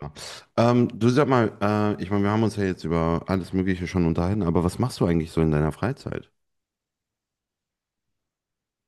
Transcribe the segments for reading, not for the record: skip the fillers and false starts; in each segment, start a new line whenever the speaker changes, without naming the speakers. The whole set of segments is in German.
Ja. Wir haben uns ja jetzt über alles Mögliche schon unterhalten, aber was machst du eigentlich so in deiner Freizeit?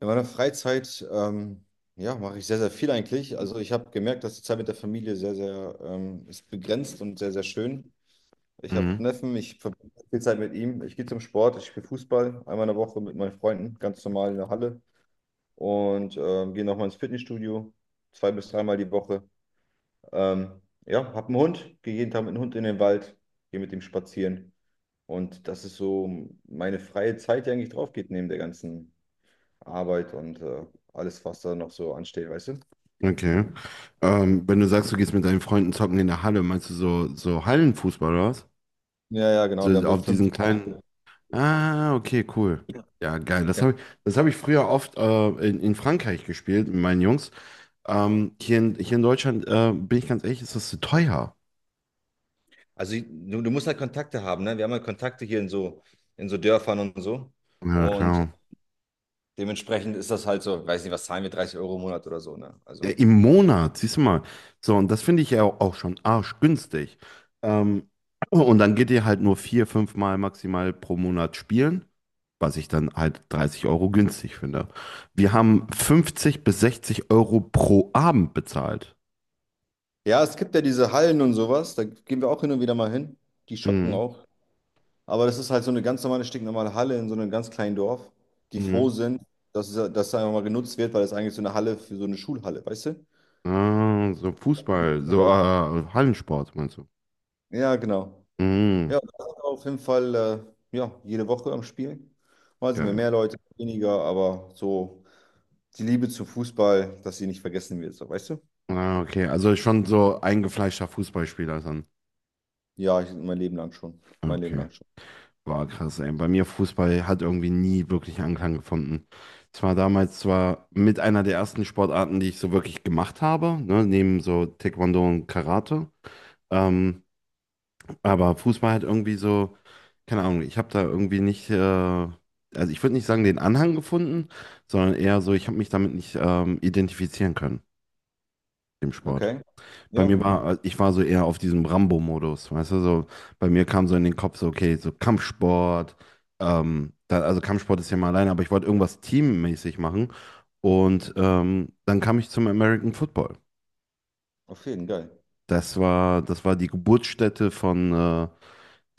In meiner Freizeit, ja, mache ich sehr, sehr viel eigentlich. Also ich habe gemerkt, dass die Zeit mit der Familie sehr, sehr ist begrenzt und sehr, sehr schön. Ich habe
Mhm.
einen Neffen, ich verbringe viel Zeit mit ihm. Ich gehe zum Sport, ich spiele Fußball einmal in der Woche mit meinen Freunden, ganz normal in der Halle. Und gehe nochmal ins Fitnessstudio, 2 bis 3 mal die Woche. Ähm, ja, habe einen Hund, gehe jeden Tag mit dem Hund in den Wald, gehe mit ihm spazieren. Und das ist so meine freie Zeit, die eigentlich drauf geht neben der ganzen Arbeit und alles, was da noch so ansteht, weißt du?
Okay. Wenn du sagst, du gehst mit deinen Freunden zocken in der Halle, meinst du so, Hallenfußball oder was?
Ja, ja, genau.
So
Wir haben
auf
seit fünf
diesen
Jahren.
kleinen. Ah, okay, cool. Ja, geil. Das
Ja.
habe ich, das hab ich früher oft in Frankreich gespielt mit meinen Jungs. Hier in Deutschland, bin ich ganz ehrlich, ist das zu teuer.
Also du musst halt Kontakte haben, ne? Wir haben halt Kontakte hier in so Dörfern und so.
Ja,
Und
klar.
dementsprechend ist das halt so, weiß nicht, was zahlen wir, 30 Euro im Monat oder so, ne?
Ja,
Also,
im Monat, siehst du mal. So, und das finde ich ja auch schon arschgünstig. Ähm, und dann geht ihr halt nur 4, 5 Mal maximal pro Monat spielen, was ich dann halt 30 Euro günstig finde. Wir haben 50 bis 60 Euro pro Abend bezahlt.
ja, es gibt ja diese Hallen und sowas. Da gehen wir auch hin und wieder mal hin. Die schocken
Mhm.
auch. Aber das ist halt so eine ganz normale, stinknormale Halle in so einem ganz kleinen Dorf, die froh
Mhm.
sind, dass es einfach mal genutzt wird, weil es eigentlich so eine Halle für so eine Schulhalle, weißt du?
Ah, so Fußball,
Ja,
Hallensport meinst du?
ja, genau.
Mhm.
Ja, das ist auf jeden Fall ja, jede Woche am Spiel. Mal sind wir
Geil.
mehr Leute, weniger, aber so die Liebe zum Fußball, dass sie nicht vergessen wird, so, weißt du?
Ah, okay, also schon so eingefleischter Fußballspieler dann.
Ja, ich, mein Leben lang schon. Mein Leben
Okay.
lang schon.
War krass, ey. Bei mir Fußball hat irgendwie nie wirklich Anklang gefunden. Es war damals zwar mit einer der ersten Sportarten, die ich so wirklich gemacht habe, ne, neben so Taekwondo und Karate. Ähm, aber Fußball hat irgendwie so, keine Ahnung, ich habe da irgendwie nicht, also ich würde nicht sagen den Anhang gefunden, sondern eher so, ich habe mich damit nicht identifizieren können, dem Sport.
Okay.
Bei
Ja,
mir war, ich war so eher auf diesem Rambo-Modus, weißt du, so, bei mir kam so in den Kopf so, okay, so Kampfsport, da, also Kampfsport ist ja mal alleine, aber ich wollte irgendwas teammäßig machen und dann kam ich zum American Football.
auf jeden Fall, geil.
Das war die Geburtsstätte von, äh,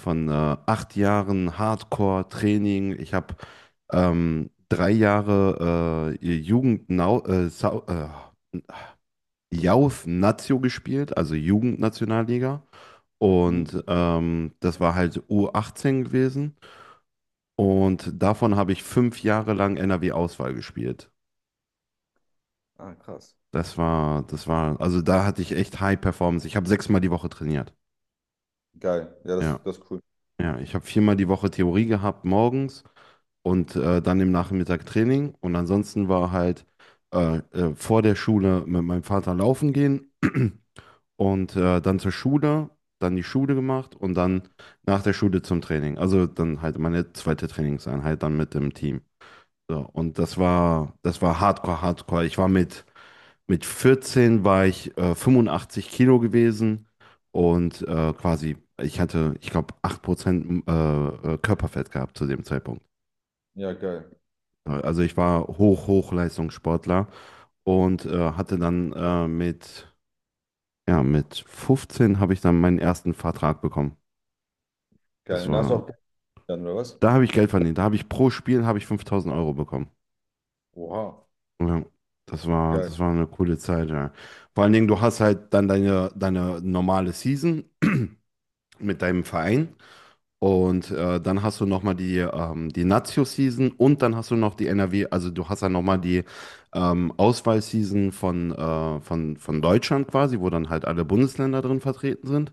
von äh, 8 Jahren Hardcore-Training. Ich habe 3 Jahre Youth Nazio gespielt, also Jugendnationalliga.
Mhm.
Und das war halt U18 gewesen. Und davon habe ich 5 Jahre lang NRW-Auswahl gespielt.
Ah, krass.
Das war, also da hatte ich echt High Performance. Ich habe 6-mal die Woche trainiert.
Geil. Ja,
Ja,
das, das ist cool.
ja. Ich habe 4-mal die Woche Theorie gehabt morgens und dann im Nachmittag Training. Und ansonsten war halt vor der Schule mit meinem Vater laufen gehen. Und dann zur Schule, dann die Schule gemacht und dann nach der Schule zum Training. Also dann halt meine zweite Trainingseinheit dann mit dem Team. So, und das war Hardcore, Hardcore. Mit 14 war ich 85 Kilo gewesen und quasi, ich glaube, 8% Körperfett gehabt zu dem Zeitpunkt.
Ja, geil.
Also ich war Hochleistungssportler und hatte dann mit, ja, mit 15 habe ich dann meinen ersten Vertrag bekommen. Das
Geil. Und hast du
war,
auch dann, oder was?
da habe ich Geld verdient. Da habe ich pro Spiel habe ich 5000 Euro bekommen.
Oha,
Ja,
geil.
das war eine coole Zeit, ja. Vor allen Dingen, du hast halt dann deine normale Season mit deinem Verein und dann hast du nochmal die, die Nazio-Season und dann hast du noch die NRW, also du hast dann nochmal die Auswahl-Season von Deutschland quasi, wo dann halt alle Bundesländer drin vertreten sind.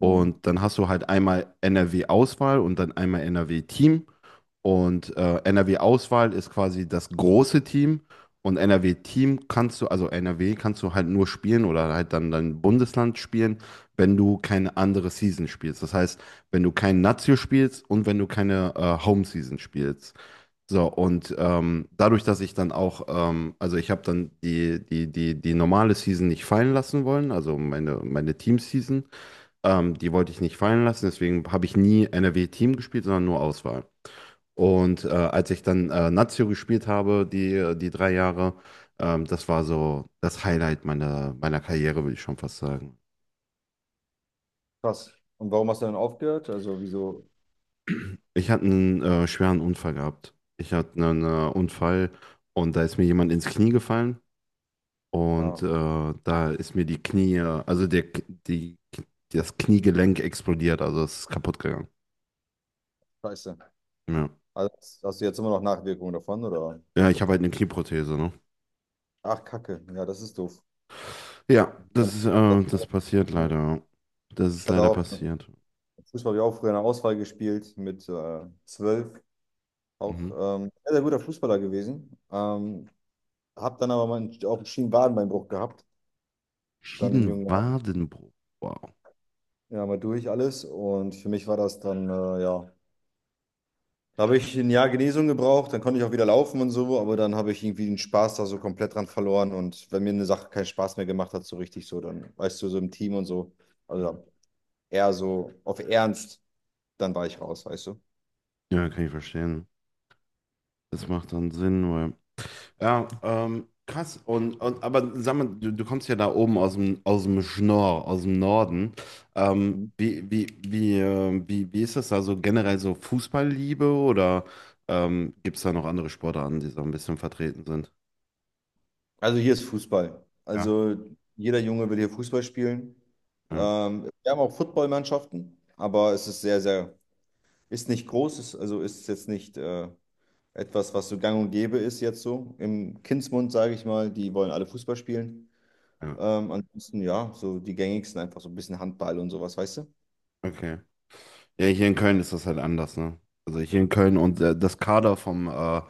Mhm.
dann hast du halt einmal NRW-Auswahl und dann einmal NRW-Team. Und NRW-Auswahl ist quasi das große Team. Und NRW-Team kannst du, also NRW kannst du halt nur spielen oder halt dann dein Bundesland spielen, wenn du keine andere Season spielst. Das heißt, wenn du kein Nazio spielst und wenn du keine Home Season spielst. So, und dadurch, dass ich dann auch, also ich habe dann die normale Season nicht fallen lassen wollen, also meine Team-Season, die wollte ich nicht fallen lassen, deswegen habe ich nie NRW-Team gespielt, sondern nur Auswahl. Und als ich dann Nazio gespielt habe, die 3 Jahre, das war so das Highlight meiner Karriere, würde ich schon fast sagen.
Krass. Und warum hast du dann aufgehört? Also, wieso?
Ich hatte einen schweren Unfall gehabt. Ich hatte einen Unfall und da ist mir jemand ins Knie gefallen und
Ah,
da ist mir die Knie, also der, die, das Kniegelenk explodiert, also es ist kaputt gegangen.
scheiße.
Ja,
Also, hast du jetzt immer noch Nachwirkungen davon, oder?
ja, ich habe halt eine Knieprothese, ne?
Ach, Kacke. Ja, das ist doof.
Ja,
Man-
das ist,
das-
das passiert leider. Das
ich
ist
hatte
leider
auch,
passiert.
Fußball habe ich auch früher in der Auswahl gespielt mit 12. Auch
Mhm.
sehr, sehr guter Fußballer gewesen. Habe dann aber mal einen, auch einen Schienenwadenbeinbruch gehabt, dann in jungen Jahren.
Schienenwadenbruch. Wow.
Ja, mal durch alles. Und für mich war das dann, ja, da habe ich 1 Jahr Genesung gebraucht, dann konnte ich auch wieder laufen und so, aber dann habe ich irgendwie den Spaß da so komplett dran verloren. Und wenn mir eine Sache keinen Spaß mehr gemacht hat, so richtig so, dann weißt du, so im Team und so,
Mhm.
also eher so auf Ernst, dann war ich raus, weißt du.
Ja, kann ich verstehen. Das macht dann Sinn, weil. Ja, krass. Aber sag mal, du kommst ja da oben aus dem Schnorr, aus dem Norden.
Mhm.
Wie ist das da so generell so Fußballliebe oder gibt es da noch andere Sportarten, die so ein bisschen vertreten sind?
Also hier ist Fußball.
Ja.
Also jeder Junge will hier Fußball spielen.
Ja,
Wir haben auch Footballmannschaften, aber es ist sehr, sehr, ist nicht groß, ist, also ist jetzt nicht etwas, was so gang und gäbe ist jetzt so. Im Kindsmund, sage ich mal, die wollen alle Fußball spielen.
ja.
Ansonsten, ja, so die gängigsten einfach so ein bisschen Handball und sowas, weißt du?
Okay. Ja, hier in Köln ist das halt anders, ne? Also hier in Köln und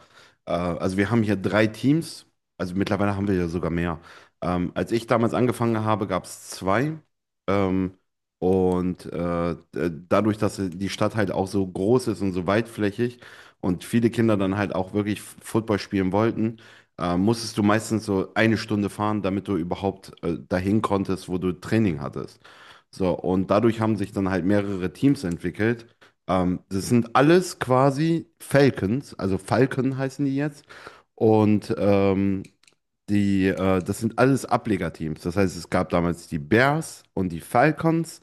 also wir haben hier 3 Teams, also mittlerweile haben wir ja sogar mehr. Als ich damals angefangen habe, gab es 2. Ähm, d- dadurch, dass die Stadt halt auch so groß ist und so weitflächig und viele Kinder dann halt auch wirklich F- Football spielen wollten, musstest du meistens so eine Stunde fahren, damit du überhaupt dahin konntest, wo du Training hattest. So, und dadurch haben sich dann halt mehrere Teams entwickelt. Das sind alles quasi Falcons, also Falcon heißen die jetzt. Und das sind alles Ablegerteams. Das heißt, es gab damals die Bears und die Falcons.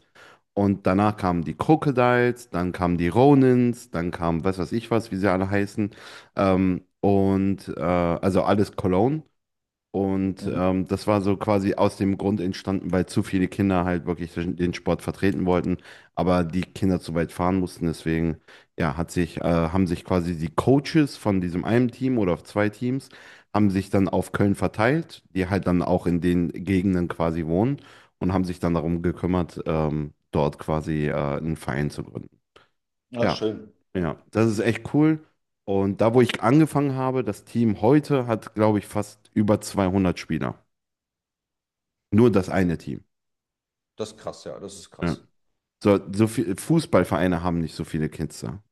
Und danach kamen die Crocodiles, dann kamen die Ronins, dann kam was weiß ich was, wie sie alle heißen. Also alles Cologne. Und
Mhm.
das war so quasi aus dem Grund entstanden, weil zu viele Kinder halt wirklich den Sport vertreten wollten, aber die Kinder zu weit fahren mussten. Deswegen, ja, haben sich quasi die Coaches von diesem einen Team oder auf zwei Teams, haben sich dann auf Köln verteilt, die halt dann auch in den Gegenden quasi wohnen und haben sich dann darum gekümmert, dort quasi einen Verein zu gründen.
Ja,
Ja,
schön.
ja, das ist echt cool. Und da, wo ich angefangen habe, das Team heute hat, glaube ich, fast über 200 Spieler. Nur das eine Team.
Das ist krass, ja, das ist
Ja.
krass.
So, so viele Fußballvereine haben nicht so viele Kids da.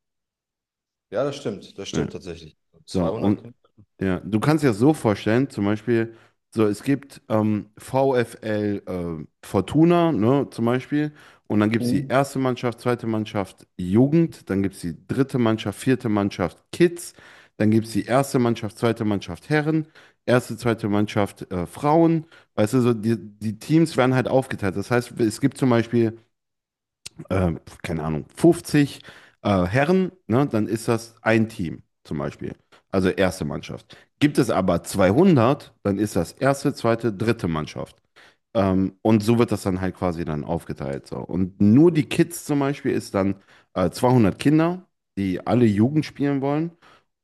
Ja, das
Ja.
stimmt tatsächlich.
So, und
200 Kinder.
ja, du kannst dir das so vorstellen, zum Beispiel, so, es gibt VfL Fortuna, ne, zum Beispiel, und dann gibt es die erste Mannschaft, zweite Mannschaft Jugend, dann gibt es die dritte Mannschaft, vierte Mannschaft Kids, dann gibt es die erste Mannschaft, zweite Mannschaft Herren, erste, zweite Mannschaft Frauen, weißt du, so, die Teams werden halt aufgeteilt. Das heißt, es gibt zum Beispiel äh, keine Ahnung, 50 Herren, ne, dann ist das ein Team zum Beispiel. Also erste Mannschaft. Gibt es aber 200, dann ist das erste, zweite, dritte Mannschaft. Und so wird das dann halt quasi dann aufgeteilt. So. Und nur die Kids zum Beispiel ist dann 200 Kinder, die alle Jugend spielen wollen.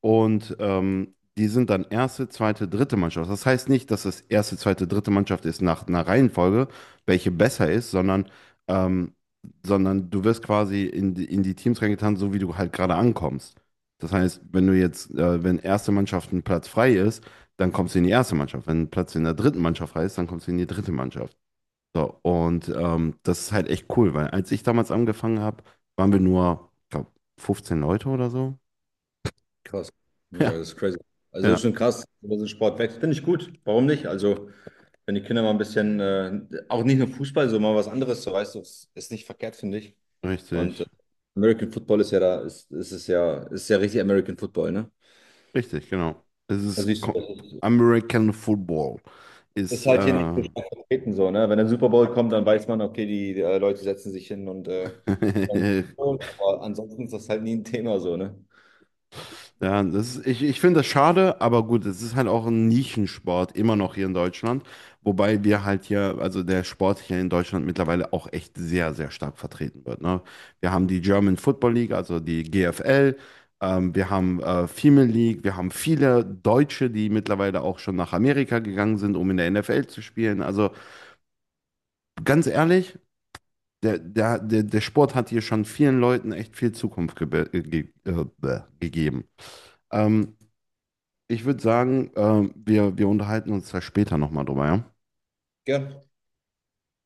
Und die sind dann erste, zweite, dritte Mannschaft. Das heißt nicht, dass es erste, zweite, dritte Mannschaft ist nach einer Reihenfolge, welche besser ist, sondern, ähm, sondern du wirst quasi in die Teams reingetan, so wie du halt gerade ankommst. Das heißt, wenn du jetzt, wenn erste Mannschaft ein Platz frei ist, dann kommst du in die erste Mannschaft. Wenn Platz in der dritten Mannschaft heißt, dann kommst du in die dritte Mannschaft. So, und das ist halt echt cool, weil als ich damals angefangen habe, waren wir nur, ich glaube, 15 Leute oder so.
Krass. Ja,
Ja,
das ist crazy. Also das
ja,
ist schon krass, dass so Sport wächst. Finde ich gut. Warum nicht? Also, wenn die Kinder mal ein bisschen, auch nicht nur Fußball, so mal was anderes, so weißt du, ist ist nicht verkehrt, finde ich.
richtig,
Und American Football ist ja da, ist es ja, ist ja richtig American Football, ne?
richtig, genau. Es
Da
ist
siehst
Co-
du,
American Football.
das
Ist
ist halt hier nicht so stark vertreten, so, ne? Wenn der Super Bowl kommt, dann weiß man, okay, die, Leute setzen sich hin und aber ansonsten ist das halt nie ein Thema, so, ne?
Ja, das ist, ich finde das schade, aber gut, es ist halt auch ein Nischensport, immer noch hier in Deutschland. Wobei wir halt hier, also der Sport hier in Deutschland mittlerweile auch echt sehr, sehr stark vertreten wird. Ne? Wir haben die German Football League, also die GFL, wir haben Female League, wir haben viele Deutsche, die mittlerweile auch schon nach Amerika gegangen sind, um in der NFL zu spielen. Also ganz ehrlich, der Sport hat hier schon vielen Leuten echt viel Zukunft gebe- ge gegeben. Ähm, Ich würde sagen, wir unterhalten uns da später nochmal drüber, ja?
Ja,